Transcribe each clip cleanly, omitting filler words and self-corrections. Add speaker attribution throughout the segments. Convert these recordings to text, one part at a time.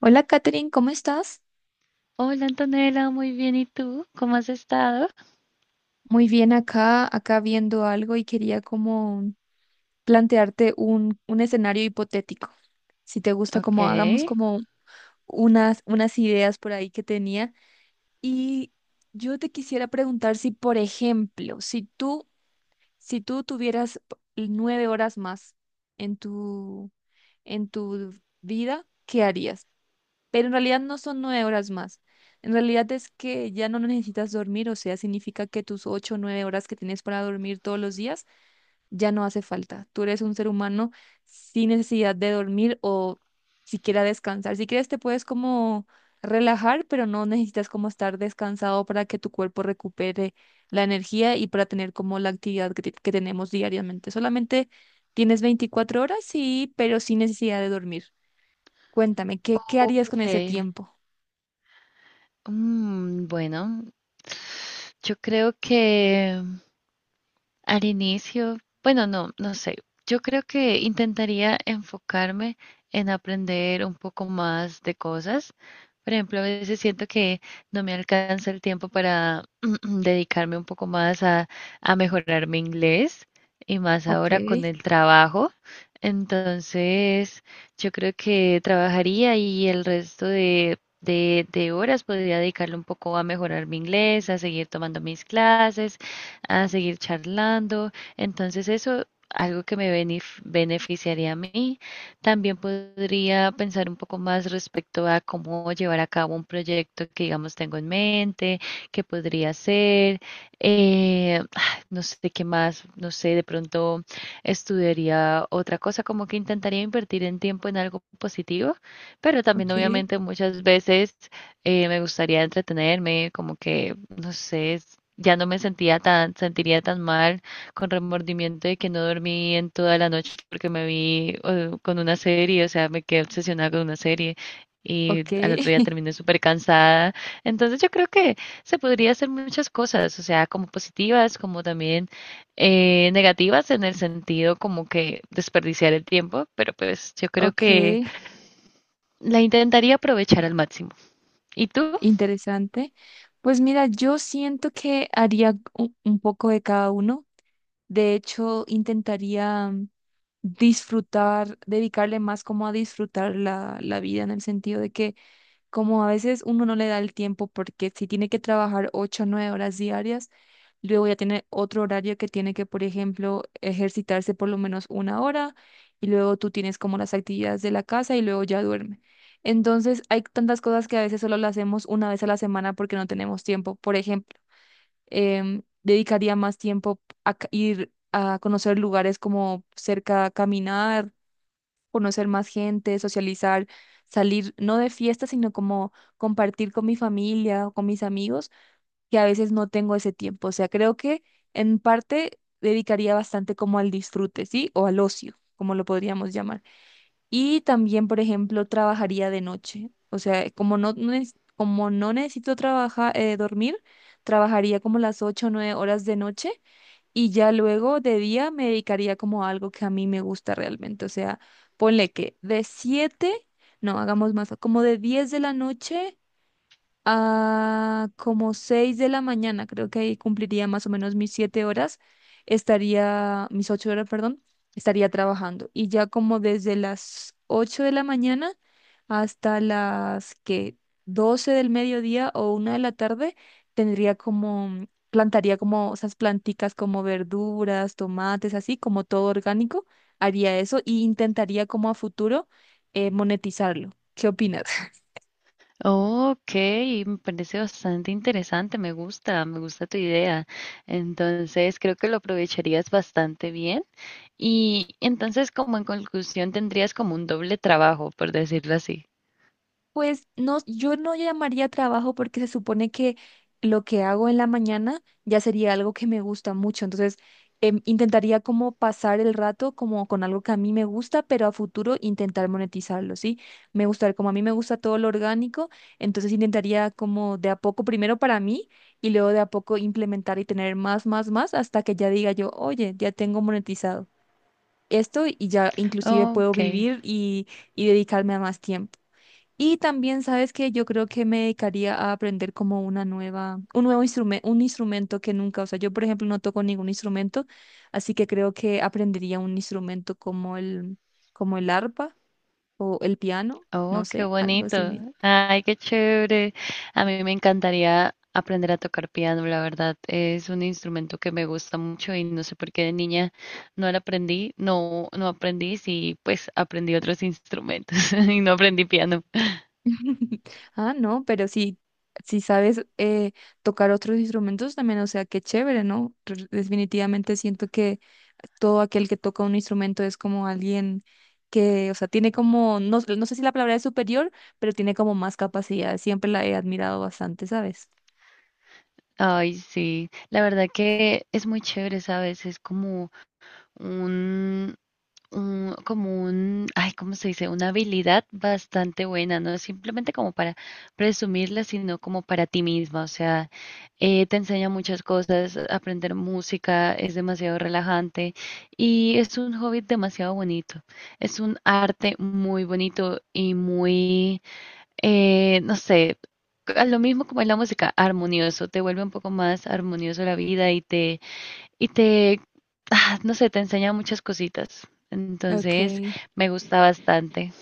Speaker 1: Hola, Katherine, ¿cómo estás?
Speaker 2: Hola Antonella, muy bien. ¿Y tú? ¿Cómo has estado?
Speaker 1: Muy bien acá viendo algo y quería como plantearte un escenario hipotético. Si te gusta,
Speaker 2: Ok,
Speaker 1: como hagamos como unas ideas por ahí que tenía. Y yo te quisiera preguntar si, por ejemplo, si tú tuvieras 9 horas más en tu, en tu vida, ¿qué harías? Pero en realidad no son 9 horas más. En realidad es que ya no necesitas dormir, o sea, significa que tus 8 o 9 horas que tienes para dormir todos los días ya no hace falta. Tú eres un ser humano sin necesidad de dormir o siquiera descansar. Si quieres te puedes como relajar, pero no necesitas como estar descansado para que tu cuerpo recupere la energía y para tener como la actividad que tenemos diariamente. Solamente tienes 24 horas, sí, pero sin necesidad de dormir. Cuéntame, ¿qué harías con
Speaker 2: ok.
Speaker 1: ese tiempo?
Speaker 2: Bueno, yo creo que Al inicio, bueno, no, no sé. Yo creo que intentaría enfocarme en aprender un poco más de cosas. Por ejemplo, a veces siento que no me alcanza el tiempo para dedicarme un poco más a mejorar mi inglés y más
Speaker 1: Ok,
Speaker 2: ahora con el trabajo. Entonces, yo creo que trabajaría y el resto de horas podría dedicarle un poco a mejorar mi inglés, a seguir tomando mis clases a seguir charlando. Entonces eso, algo que me beneficiaría a mí. También podría pensar un poco más respecto a cómo llevar a cabo un proyecto que, digamos, tengo en mente, qué podría hacer. eh, no sé qué más, no sé, de pronto estudiaría otra cosa, como que intentaría invertir en tiempo en algo positivo, pero también
Speaker 1: ok,
Speaker 2: obviamente muchas veces me gustaría entretenerme, como que, no sé, ya no sentiría tan mal con remordimiento de que no dormí en toda la noche porque me vi con una serie, o sea, me quedé obsesionada con una serie y
Speaker 1: ok,
Speaker 2: al otro día terminé súper cansada. Entonces yo creo que se podría hacer muchas cosas, o sea, como positivas, como también negativas en el sentido como que desperdiciar el tiempo, pero pues yo creo
Speaker 1: ok,
Speaker 2: que la intentaría aprovechar al máximo. ¿Y tú?
Speaker 1: interesante. Pues mira, yo siento que haría un poco de cada uno. De hecho, intentaría disfrutar, dedicarle más como a disfrutar la vida en el sentido de que como a veces uno no le da el tiempo porque si tiene que trabajar 8 o 9 horas diarias, luego ya tiene otro horario que tiene que, por ejemplo, ejercitarse por lo menos 1 hora y luego tú tienes como las actividades de la casa y luego ya duerme. Entonces hay tantas cosas que a veces solo las hacemos una vez a la semana porque no tenemos tiempo. Por ejemplo, dedicaría más tiempo a ir a conocer lugares como cerca, caminar conocer más gente, socializar, salir, no de fiesta, sino como compartir con mi familia o con mis amigos, que a veces no tengo ese tiempo. O sea, creo que en parte dedicaría bastante como al disfrute, ¿sí? O al ocio, como lo podríamos llamar. Y también, por ejemplo, trabajaría de noche. O sea, como como no necesito trabajar, dormir, trabajaría como las 8 o 9 horas de noche y ya luego de día me dedicaría como a algo que a mí me gusta realmente. O sea, ponle que de 7 no hagamos más, como de 10 de la noche a como 6 de la mañana, creo que ahí cumpliría más o menos mis 7 horas, estaría, mis 8 horas, perdón, estaría trabajando. Y ya como desde las 8 de la mañana hasta las que 12 del mediodía o 1 de la tarde, tendría como, plantaría como esas planticas como verduras, tomates, así como todo orgánico, haría eso y intentaría como a futuro monetizarlo. ¿Qué opinas?
Speaker 2: Oh, ok, me parece bastante interesante, me gusta tu idea. Entonces, creo que lo aprovecharías bastante bien. Y entonces, como en conclusión, tendrías como un doble trabajo, por decirlo así.
Speaker 1: Pues no, yo no llamaría trabajo porque se supone que lo que hago en la mañana ya sería algo que me gusta mucho. Entonces, intentaría como pasar el rato como con algo que a mí me gusta, pero a futuro intentar monetizarlo, ¿sí? Me gusta, como a mí me gusta todo lo orgánico, entonces intentaría como de a poco, primero para mí y luego de a poco implementar y tener más, más, más hasta que ya diga yo, oye, ya tengo monetizado esto y ya inclusive puedo
Speaker 2: Ok.
Speaker 1: vivir y dedicarme a más tiempo. Y también, ¿sabes que yo creo que me dedicaría a aprender como una nueva, un nuevo instrumento, un instrumento que nunca, o sea, yo por ejemplo no toco ningún instrumento, así que creo que aprendería un instrumento como el arpa o el piano, no
Speaker 2: Oh, qué
Speaker 1: sé, algo
Speaker 2: bonito.
Speaker 1: así.
Speaker 2: Ay, qué chévere. A mí me encantaría aprender a tocar piano, la verdad. Es un instrumento que me gusta mucho y no sé por qué de niña no lo aprendí, no, no aprendí, sí, pues aprendí otros instrumentos y no aprendí piano.
Speaker 1: Ah, no, pero si, si sabes tocar otros instrumentos también, o sea, qué chévere, ¿no? Definitivamente siento que todo aquel que toca un instrumento es como alguien que, o sea, tiene como, no, no sé si la palabra es superior, pero tiene como más capacidad. Siempre la he admirado bastante, ¿sabes?
Speaker 2: Ay, sí. La verdad que es muy chévere, ¿sabes? Es como un, como un, ay, ¿cómo se dice? Una habilidad bastante buena, no es simplemente como para presumirla, sino como para ti misma. O sea, te enseña muchas cosas, aprender música es demasiado relajante y es un hobby demasiado bonito. Es un arte muy bonito y muy, no sé. A lo mismo como es la música, armonioso, te vuelve un poco más armonioso la vida y te, ah, no sé, te enseña muchas cositas. Entonces,
Speaker 1: Ok.
Speaker 2: me gusta bastante.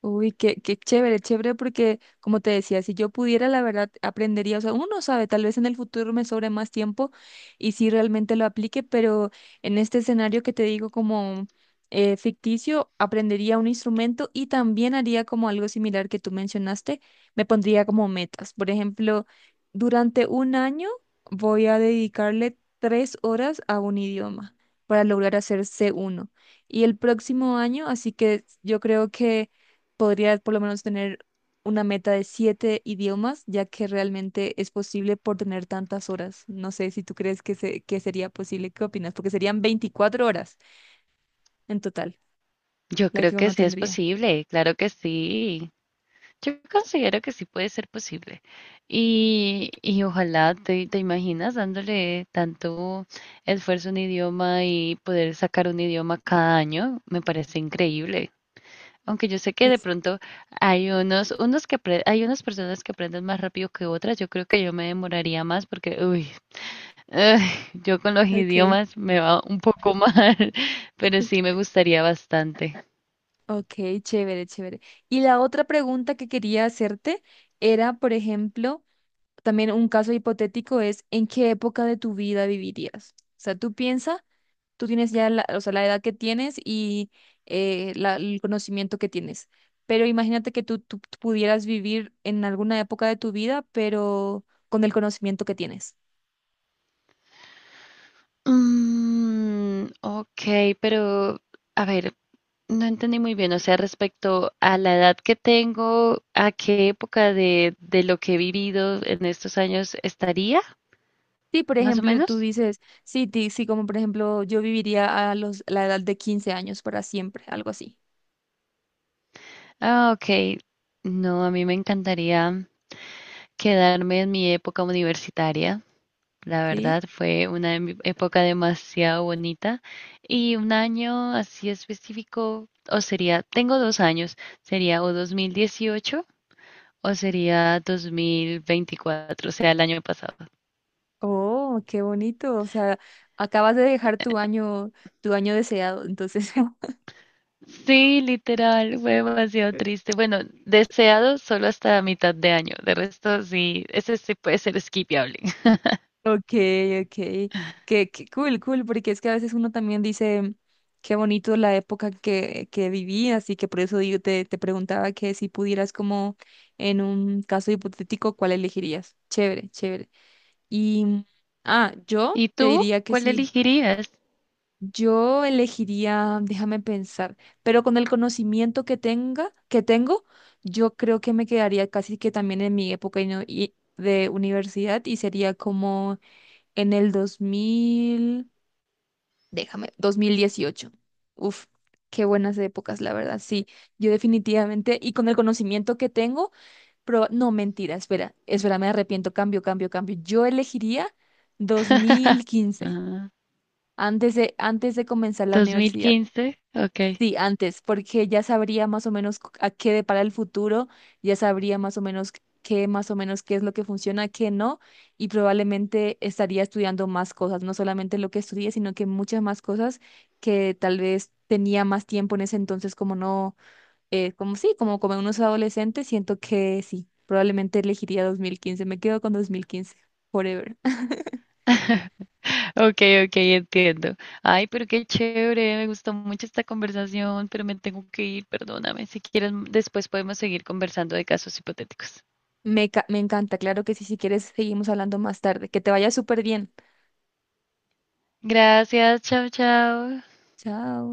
Speaker 1: Uy, qué chévere, chévere, porque como te decía, si yo pudiera, la verdad, aprendería, o sea, uno no sabe, tal vez en el futuro me sobre más tiempo y si realmente lo aplique, pero en este escenario que te digo como ficticio, aprendería un instrumento y también haría como algo similar que tú mencionaste, me pondría como metas. Por ejemplo, durante un año voy a dedicarle 3 horas a un idioma para lograr hacer C1 y el próximo año, así que yo creo que podría por lo menos tener una meta de siete idiomas, ya que realmente es posible por tener tantas horas. No sé si tú crees que, que sería posible, ¿qué opinas? Porque serían 24 horas en total,
Speaker 2: Yo
Speaker 1: la
Speaker 2: creo
Speaker 1: que
Speaker 2: que
Speaker 1: uno
Speaker 2: sí es
Speaker 1: tendría.
Speaker 2: posible, claro que sí. Yo considero que sí puede ser posible. Y ojalá te imaginas dándole tanto esfuerzo a un idioma y poder sacar un idioma cada año, me parece increíble. Aunque yo sé que de
Speaker 1: Eso.
Speaker 2: pronto hay hay unas personas que aprenden más rápido que otras, yo creo que yo me demoraría más porque, uy, ay, yo con los
Speaker 1: Ok,
Speaker 2: idiomas me va un poco mal, pero sí me gustaría bastante.
Speaker 1: ok, chévere, chévere. Y la otra pregunta que quería hacerte era, por ejemplo, también un caso hipotético es, ¿en qué época de tu vida vivirías? O sea, tú piensas tú tienes ya la, o sea, la edad que tienes y el conocimiento que tienes. Pero imagínate que tú pudieras vivir en alguna época de tu vida, pero con el conocimiento que tienes.
Speaker 2: Ok, pero a ver, no entendí muy bien, o sea, respecto a la edad que tengo, ¿a qué época de lo que he vivido en estos años estaría,
Speaker 1: Sí, por
Speaker 2: más o
Speaker 1: ejemplo, tú
Speaker 2: menos?
Speaker 1: dices, sí, sí, como por ejemplo, yo viviría a los, la edad de 15 años para siempre, algo así,
Speaker 2: Ah, ok. No, a mí me encantaría quedarme en mi época universitaria. La
Speaker 1: ¿sí?
Speaker 2: verdad fue una época demasiado bonita y un año así específico, tengo dos años, sería o 2018 o sería 2024, o sea, el año pasado.
Speaker 1: Oh, qué bonito, o sea, acabas de dejar tu año deseado, entonces.
Speaker 2: Sí, literal, fue demasiado triste. Bueno, deseado solo hasta mitad de año, de resto sí, ese sí puede ser skipiable.
Speaker 1: Ok, ok, qué cool, cool, porque es que a veces uno también dice qué bonito la época que viví, así que por eso digo, te preguntaba que si pudieras como en un caso hipotético, ¿cuál elegirías? Chévere, chévere. Y, ah, yo
Speaker 2: ¿Y
Speaker 1: te
Speaker 2: tú?
Speaker 1: diría que
Speaker 2: ¿Cuál
Speaker 1: sí,
Speaker 2: elegirías?
Speaker 1: yo elegiría, déjame pensar, pero con el conocimiento que tengo, yo creo que me quedaría casi que también en mi época y no- y de universidad y sería como en el 2000 déjame, 2018. Uf, qué buenas épocas, la verdad. Sí, yo definitivamente, y con el conocimiento que tengo, pero no, mentira, espera, espera, me arrepiento, cambio, cambio, cambio. Yo elegiría dos mil quince
Speaker 2: Ah,
Speaker 1: antes de comenzar la universidad.
Speaker 2: 2015, ok.
Speaker 1: Sí, antes, porque ya sabría más o menos a qué depara el futuro, ya sabría más o menos qué, más o menos qué es lo que funciona, qué no, y probablemente estaría estudiando más cosas, no solamente lo que estudié, sino que muchas más cosas que tal vez tenía más tiempo en ese entonces, como no, como sí, como unos adolescentes, siento que sí, probablemente elegiría 2015, me quedo con 2015, forever.
Speaker 2: Ok, ok, entiendo. Ay, pero qué chévere, me gustó mucho esta conversación, pero me tengo que ir, perdóname. Si quieres, después podemos seguir conversando de casos hipotéticos.
Speaker 1: Me encanta, claro que sí, si quieres seguimos hablando más tarde, que te vaya súper bien.
Speaker 2: Gracias, chao, chao.
Speaker 1: Chao.